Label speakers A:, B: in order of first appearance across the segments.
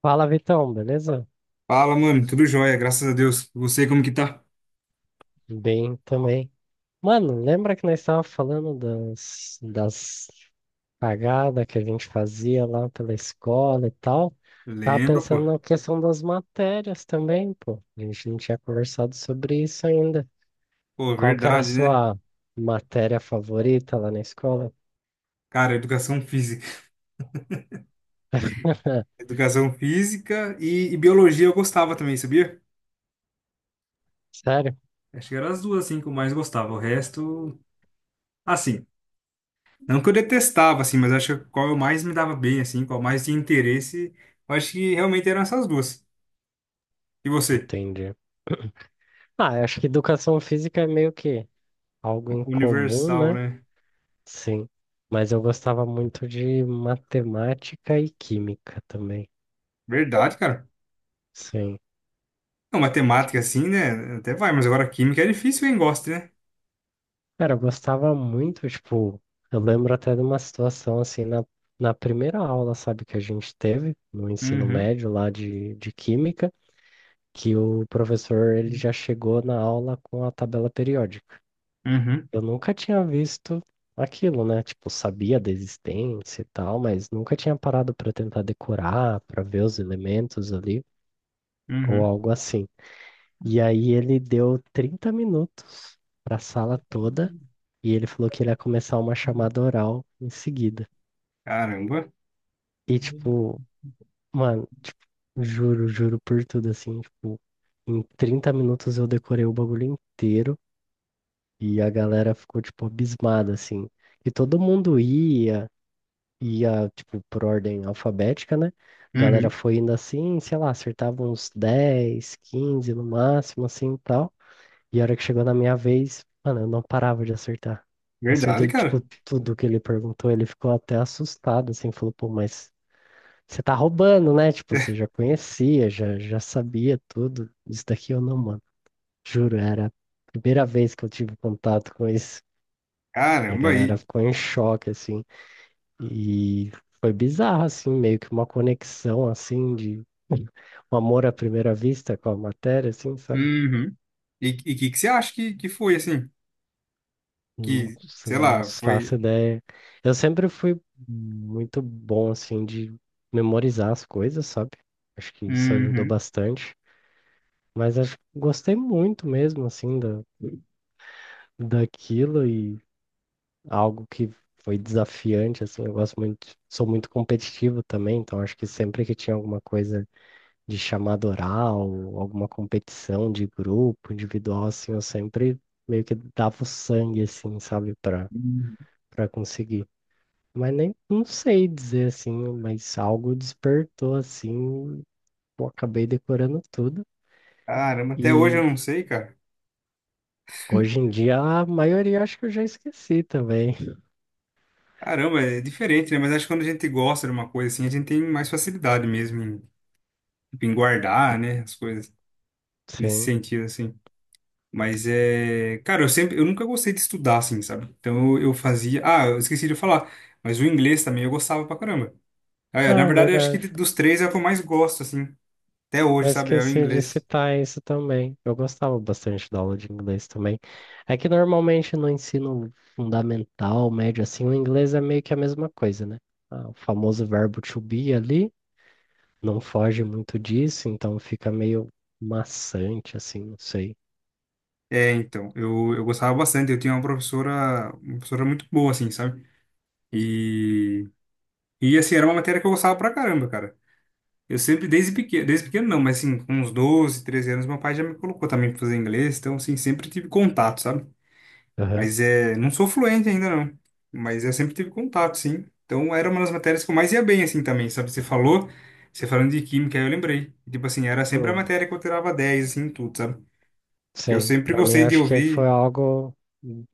A: Fala, Vitão, beleza?
B: Fala, mano, tudo jóia, graças a Deus. Você como que tá?
A: Bem também. Mano, lembra que nós estávamos falando das cagadas que a gente fazia lá pela escola e tal? Tava
B: Lembro, pô.
A: pensando na questão das matérias também, pô. A gente não tinha conversado sobre isso ainda.
B: Pô,
A: Qual que era a
B: verdade, né?
A: sua matéria favorita lá na escola?
B: Cara, educação física. Educação física e biologia eu gostava também, sabia?
A: Sério?
B: Acho que eram as duas, assim, que eu mais gostava. O resto, assim, não que eu detestava, assim, mas acho que qual eu mais me dava bem, assim, qual mais tinha interesse, eu acho que realmente eram essas duas. E você?
A: Entendi. Ah, eu acho que educação física é meio que algo em comum,
B: Universal,
A: né?
B: né?
A: Sim, mas eu gostava muito de matemática e química também.
B: Verdade, cara.
A: Sim.
B: Não,
A: Acho
B: matemática,
A: que-
B: assim, né? Até vai, mas agora química é difícil quem gosta, né?
A: Cara, eu gostava muito, tipo, eu lembro até de uma situação assim na primeira aula, sabe, que a gente teve no ensino
B: Uhum,
A: médio lá de química, que o professor ele já chegou na aula com a tabela periódica.
B: uhum,
A: Eu nunca tinha visto aquilo, né? Tipo, sabia da existência e tal, mas nunca tinha parado para tentar decorar, para ver os elementos ali ou
B: uhum.
A: algo assim. E aí ele deu 30 minutos para a sala toda e ele falou que ele ia começar uma chamada oral em seguida.
B: Caramba.
A: E tipo, mano, tipo, juro, juro por tudo assim, tipo, em 30 minutos eu decorei o bagulho inteiro e a galera ficou tipo abismada assim. E todo mundo ia, tipo por ordem alfabética, né? A galera
B: Uhum.
A: foi indo assim, sei lá, acertava uns 10, 15 no máximo assim, tal. E a hora que chegou na minha vez, mano, eu não parava de acertar.
B: Verdade,
A: Acertei,
B: cara.
A: tipo, tudo que ele perguntou. Ele ficou até assustado, assim, falou, pô, mas você tá roubando, né? Tipo, você já conhecia, já sabia tudo. Isso daqui eu não, mano. Juro, era a primeira vez que eu tive contato com isso. E a
B: Caramba,
A: galera
B: e
A: ficou em choque, assim. E foi bizarro, assim, meio que uma conexão, assim, de um amor à primeira vista com a matéria, assim, sabe?
B: uhum. E o que você acha que foi assim? Que,
A: Nossa,
B: sei
A: não
B: lá, foi.
A: faço ideia. Eu sempre fui muito bom, assim, de memorizar as coisas, sabe? Acho que isso ajudou
B: Uhum.
A: bastante. Mas acho que gostei muito mesmo, assim, daquilo e algo que foi desafiante, assim. Eu gosto muito, sou muito competitivo também, então acho que sempre que tinha alguma coisa de chamada oral, alguma competição de grupo, individual, assim, eu sempre meio que dava o sangue, assim, sabe,
B: Uhum.
A: para conseguir. Mas nem não sei dizer assim, mas algo despertou assim, pô, acabei decorando tudo.
B: Caramba, até hoje eu
A: E
B: não sei, cara.
A: hoje em dia a maioria acho que eu já esqueci também.
B: Caramba, é diferente, né? Mas acho que quando a gente gosta de uma coisa assim, a gente tem mais facilidade mesmo em, tipo, em guardar, né? As coisas nesse
A: Sim.
B: sentido, assim. Mas é. Cara, eu sempre. Eu nunca gostei de estudar, assim, sabe? Então eu fazia. Ah, eu esqueci de falar. Mas o inglês também eu gostava pra caramba. Ah, É, na
A: Ah,
B: verdade, eu acho que
A: verdade.
B: dos três é o que eu mais gosto, assim, até
A: Eu
B: hoje, sabe? É o
A: esqueci de
B: inglês.
A: citar isso também. Eu gostava bastante da aula de inglês também. É que normalmente no ensino fundamental, médio, assim, o inglês é meio que a mesma coisa, né? Ah, o famoso verbo to be ali não foge muito disso, então fica meio maçante, assim, não sei.
B: É, então, eu gostava bastante. Eu tinha uma professora muito boa, assim, sabe? E, e, assim, era uma matéria que eu gostava pra caramba, cara. Eu sempre, desde pequeno não, mas, assim, com uns 12 13 anos, meu pai já me colocou também pra fazer inglês. Então, assim, sempre tive contato, sabe?
A: Aham.
B: Mas é, não sou fluente ainda não, mas eu sempre tive contato, sim. Então era uma das matérias que eu mais ia bem assim também, sabe? Você falou, você falando de química, aí eu lembrei. Tipo assim, era sempre a
A: Hum,
B: matéria que eu tirava 10 assim, em tudo, sabe? Que eu
A: Sim,
B: sempre
A: pra mim eu
B: gostei de
A: acho que foi
B: ouvir.
A: algo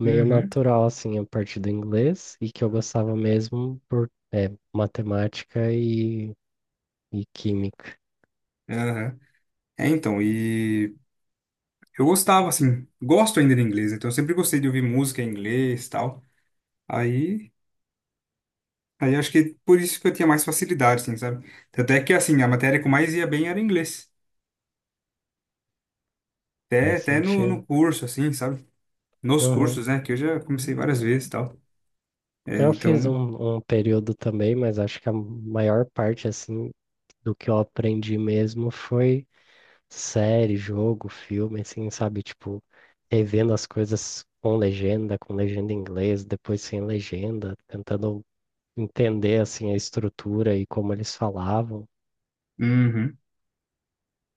A: meio
B: Uhum.
A: natural, assim, a partir do inglês e que eu gostava mesmo por matemática e química.
B: Aham. É, então, e eu gostava assim, gosto ainda de inglês, então eu sempre gostei de ouvir música em inglês, e tal. Aí, aí acho que por isso que eu tinha mais facilidade, assim, sabe? Tanto é que assim, a matéria que eu mais ia bem era inglês. Até,
A: Faz
B: até no,
A: sentido.
B: no curso, assim, sabe? Nos
A: Uhum.
B: cursos, né? Que eu já comecei várias vezes e tal. É,
A: Eu fiz
B: então,
A: um período também, mas acho que a maior parte, assim, do que eu aprendi mesmo foi série, jogo, filme, assim, sabe? Tipo, revendo as coisas com legenda em inglês, depois sem legenda, tentando entender assim a estrutura e como eles falavam.
B: uhum.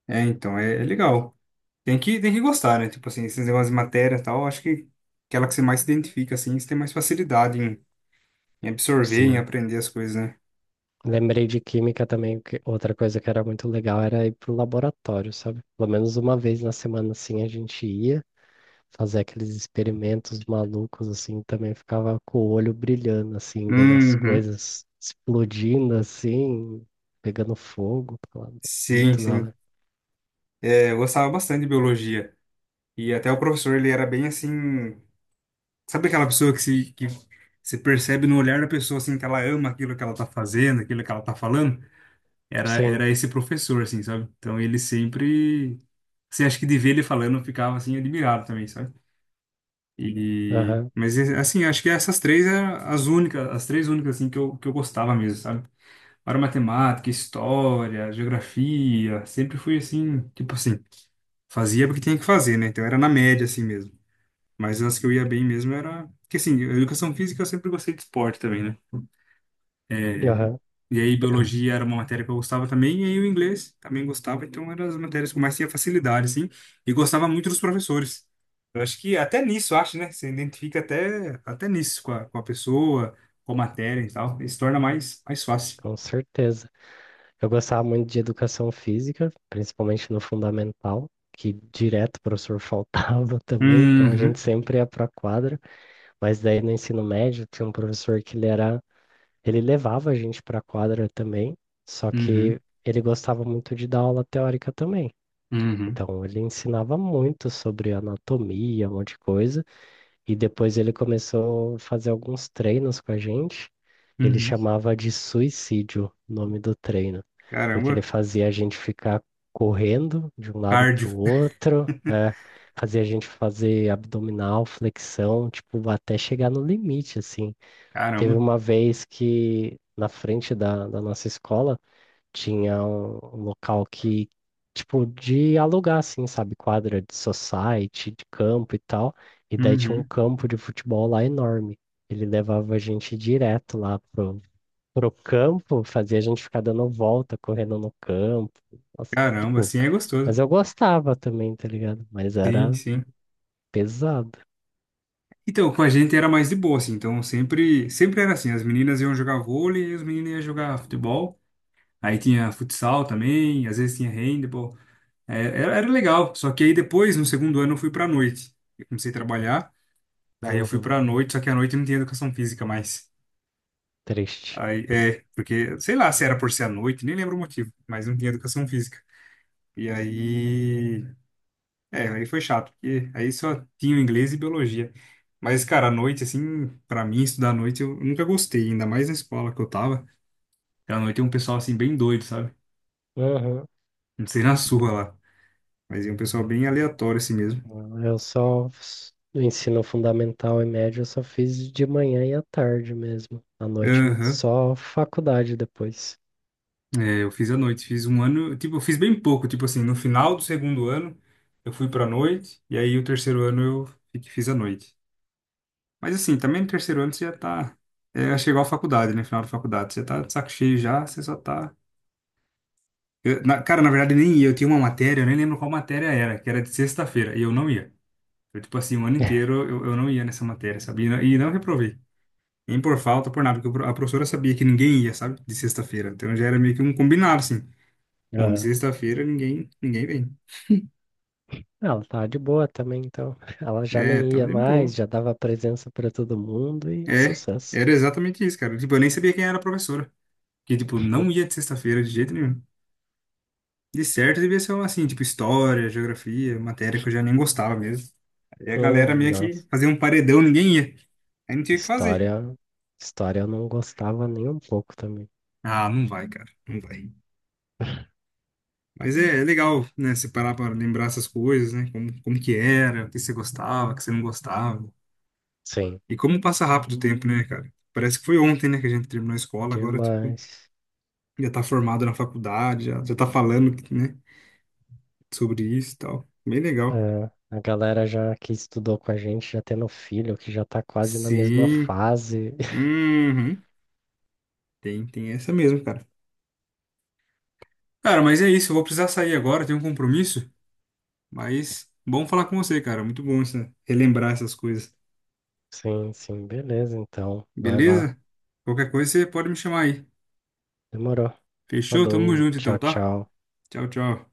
B: É, então, é, é legal. Tem que gostar, né? Tipo assim, esses negócios de matéria e tal, acho que aquela que você mais se identifica, assim, você tem mais facilidade em, em absorver, em
A: Sim.
B: aprender as coisas, né?
A: Lembrei de química também, que outra coisa que era muito legal era ir pro laboratório, sabe? Pelo menos uma vez na semana assim a gente ia fazer aqueles experimentos malucos assim, também ficava com o olho brilhando assim, vendo as
B: Uhum.
A: coisas explodindo assim, pegando fogo, tá
B: Sim,
A: muito da
B: sim.
A: hora.
B: É, eu gostava bastante de biologia. E até o professor, ele era bem assim. Sabe aquela pessoa que se percebe no olhar da pessoa, assim, que ela ama aquilo que ela tá fazendo, aquilo que ela tá falando? Era,
A: Sim,
B: era esse professor, assim, sabe? Então ele sempre, assim, acho que de ver ele falando eu ficava, assim, admirado também, sabe? E,
A: aham,
B: mas, assim, acho que essas três eram as únicas, as três únicas, assim, que eu gostava mesmo, sabe? Para matemática, história, geografia, sempre fui, assim, tipo assim, fazia porque tinha que fazer, né? Então era na média, assim mesmo. Mas as que eu ia bem mesmo era, que assim, a educação física eu sempre gostei de esporte também, né? É,
A: aham,
B: e aí, biologia era uma matéria que eu gostava também, e aí o inglês também gostava, então eram as matérias que eu mais tinha facilidade, assim, e gostava muito dos professores. Eu acho que até nisso, eu acho, né? Você identifica até nisso com a pessoa, com a matéria e tal, e se torna mais fácil.
A: com certeza. Eu gostava muito de educação física, principalmente no fundamental, que direto o professor faltava também, então a gente
B: Uhum,
A: sempre ia para a quadra, mas daí no ensino médio tinha um professor que ele era, ele levava a gente para a quadra também, só que
B: uhum,
A: ele gostava muito de dar aula teórica também.
B: uhum,
A: Então ele ensinava muito sobre anatomia, um monte de coisa, e depois ele começou a fazer alguns treinos com a gente. Ele
B: uhum.
A: chamava de suicídio o nome do treino, porque ele
B: Caramba,
A: fazia a gente ficar correndo de um lado para
B: cardio,
A: o outro, fazia a gente fazer abdominal, flexão, tipo, até chegar no limite, assim. Teve
B: caramba,
A: uma vez que na frente da nossa escola tinha um local que, tipo, de alugar, assim, sabe? Quadra de society, de campo e tal. E daí tinha um
B: uhum,
A: campo de futebol lá enorme. Ele levava a gente direto lá pro campo, fazia a gente ficar dando volta, correndo no campo. Nossa,
B: caramba,
A: tipo,
B: assim é
A: mas
B: gostoso.
A: eu gostava também, tá ligado? Mas
B: Sim,
A: era
B: sim.
A: pesado.
B: Então, com a gente era mais de boa, assim. Então, sempre era assim. As meninas iam jogar vôlei e os meninos iam jogar futebol. Aí tinha futsal também, às vezes tinha handball. É, era, era legal. Só que aí depois, no segundo ano, eu fui pra noite. Eu comecei a trabalhar, daí eu fui
A: Uhum,
B: pra noite, só que à noite não tinha educação física mais.
A: triste.
B: Aí, é, porque, sei lá se era por ser à noite, nem lembro o motivo, mas não tinha educação física. E aí, é, aí foi chato, porque aí só tinha inglês e biologia. Mas, cara, à noite, assim, pra mim, estudar à noite eu nunca gostei, ainda mais na escola que eu tava. Porque à noite é um pessoal, assim, bem doido, sabe?
A: Uhum.
B: Não sei na sua lá. Mas é um pessoal bem aleatório assim mesmo.
A: Ensino fundamental e médio, eu só fiz de manhã e à tarde mesmo. À noite
B: Aham.
A: só faculdade depois.
B: É, eu fiz à noite, fiz um ano, tipo, eu fiz bem pouco, tipo assim, no final do segundo ano eu fui pra noite, e aí o terceiro ano eu fiz à noite. Mas assim, também no terceiro ano você já tá, é, chegou à faculdade, né, final da faculdade, você tá de saco cheio já, você só tá... cara, na verdade nem ia, eu tinha uma matéria, eu nem lembro qual matéria era, que era de sexta-feira, e eu não ia. Eu, tipo assim, o ano inteiro eu não ia nessa matéria, sabia? E não reprovei. Nem por falta, por nada, porque a professora sabia que ninguém ia, sabe? De sexta-feira. Então já era meio que um combinado, assim. Bom, de
A: Aham.
B: sexta-feira ninguém vem.
A: Ela tava de boa também, então. Ela já
B: É,
A: nem
B: tava
A: ia
B: de
A: mais,
B: boa.
A: já dava presença para todo mundo e
B: É,
A: sucesso.
B: era exatamente isso, cara. Tipo, eu nem sabia quem era a professora. Que, tipo, não ia de sexta-feira de jeito nenhum. De certo, devia ser, uma, assim, tipo, história, geografia, matéria que eu já nem gostava mesmo. Aí a galera meio
A: Nossa.
B: que fazia um paredão, ninguém ia. Aí não tinha o que fazer.
A: História, História eu não gostava nem um pouco também.
B: Ah, não vai, cara. Não vai. Mas é, é legal, né? Você parar para lembrar essas coisas, né? Como que era, o que você gostava, o que você não gostava.
A: Sim,
B: E como passa rápido o tempo, né, cara? Parece que foi ontem, né, que a gente terminou a escola, agora, tipo,
A: demais.
B: já tá formado na faculdade, já tá falando, né, sobre isso e tal. Bem legal.
A: É, a galera já que estudou com a gente, já tendo filho, que já tá quase na mesma
B: Sim.
A: fase,
B: Uhum. Tem essa mesmo, cara. Cara, mas é isso, eu vou precisar sair agora, tenho um compromisso, mas bom falar com você, cara. Muito bom isso, né? Relembrar essas coisas.
A: sim, sim, beleza, então. Vai lá.
B: Beleza? Qualquer coisa você pode me chamar aí.
A: Demorou.
B: Fechou? Tamo
A: Falou,
B: junto então,
A: tchau,
B: tá?
A: tchau.
B: Tchau, tchau.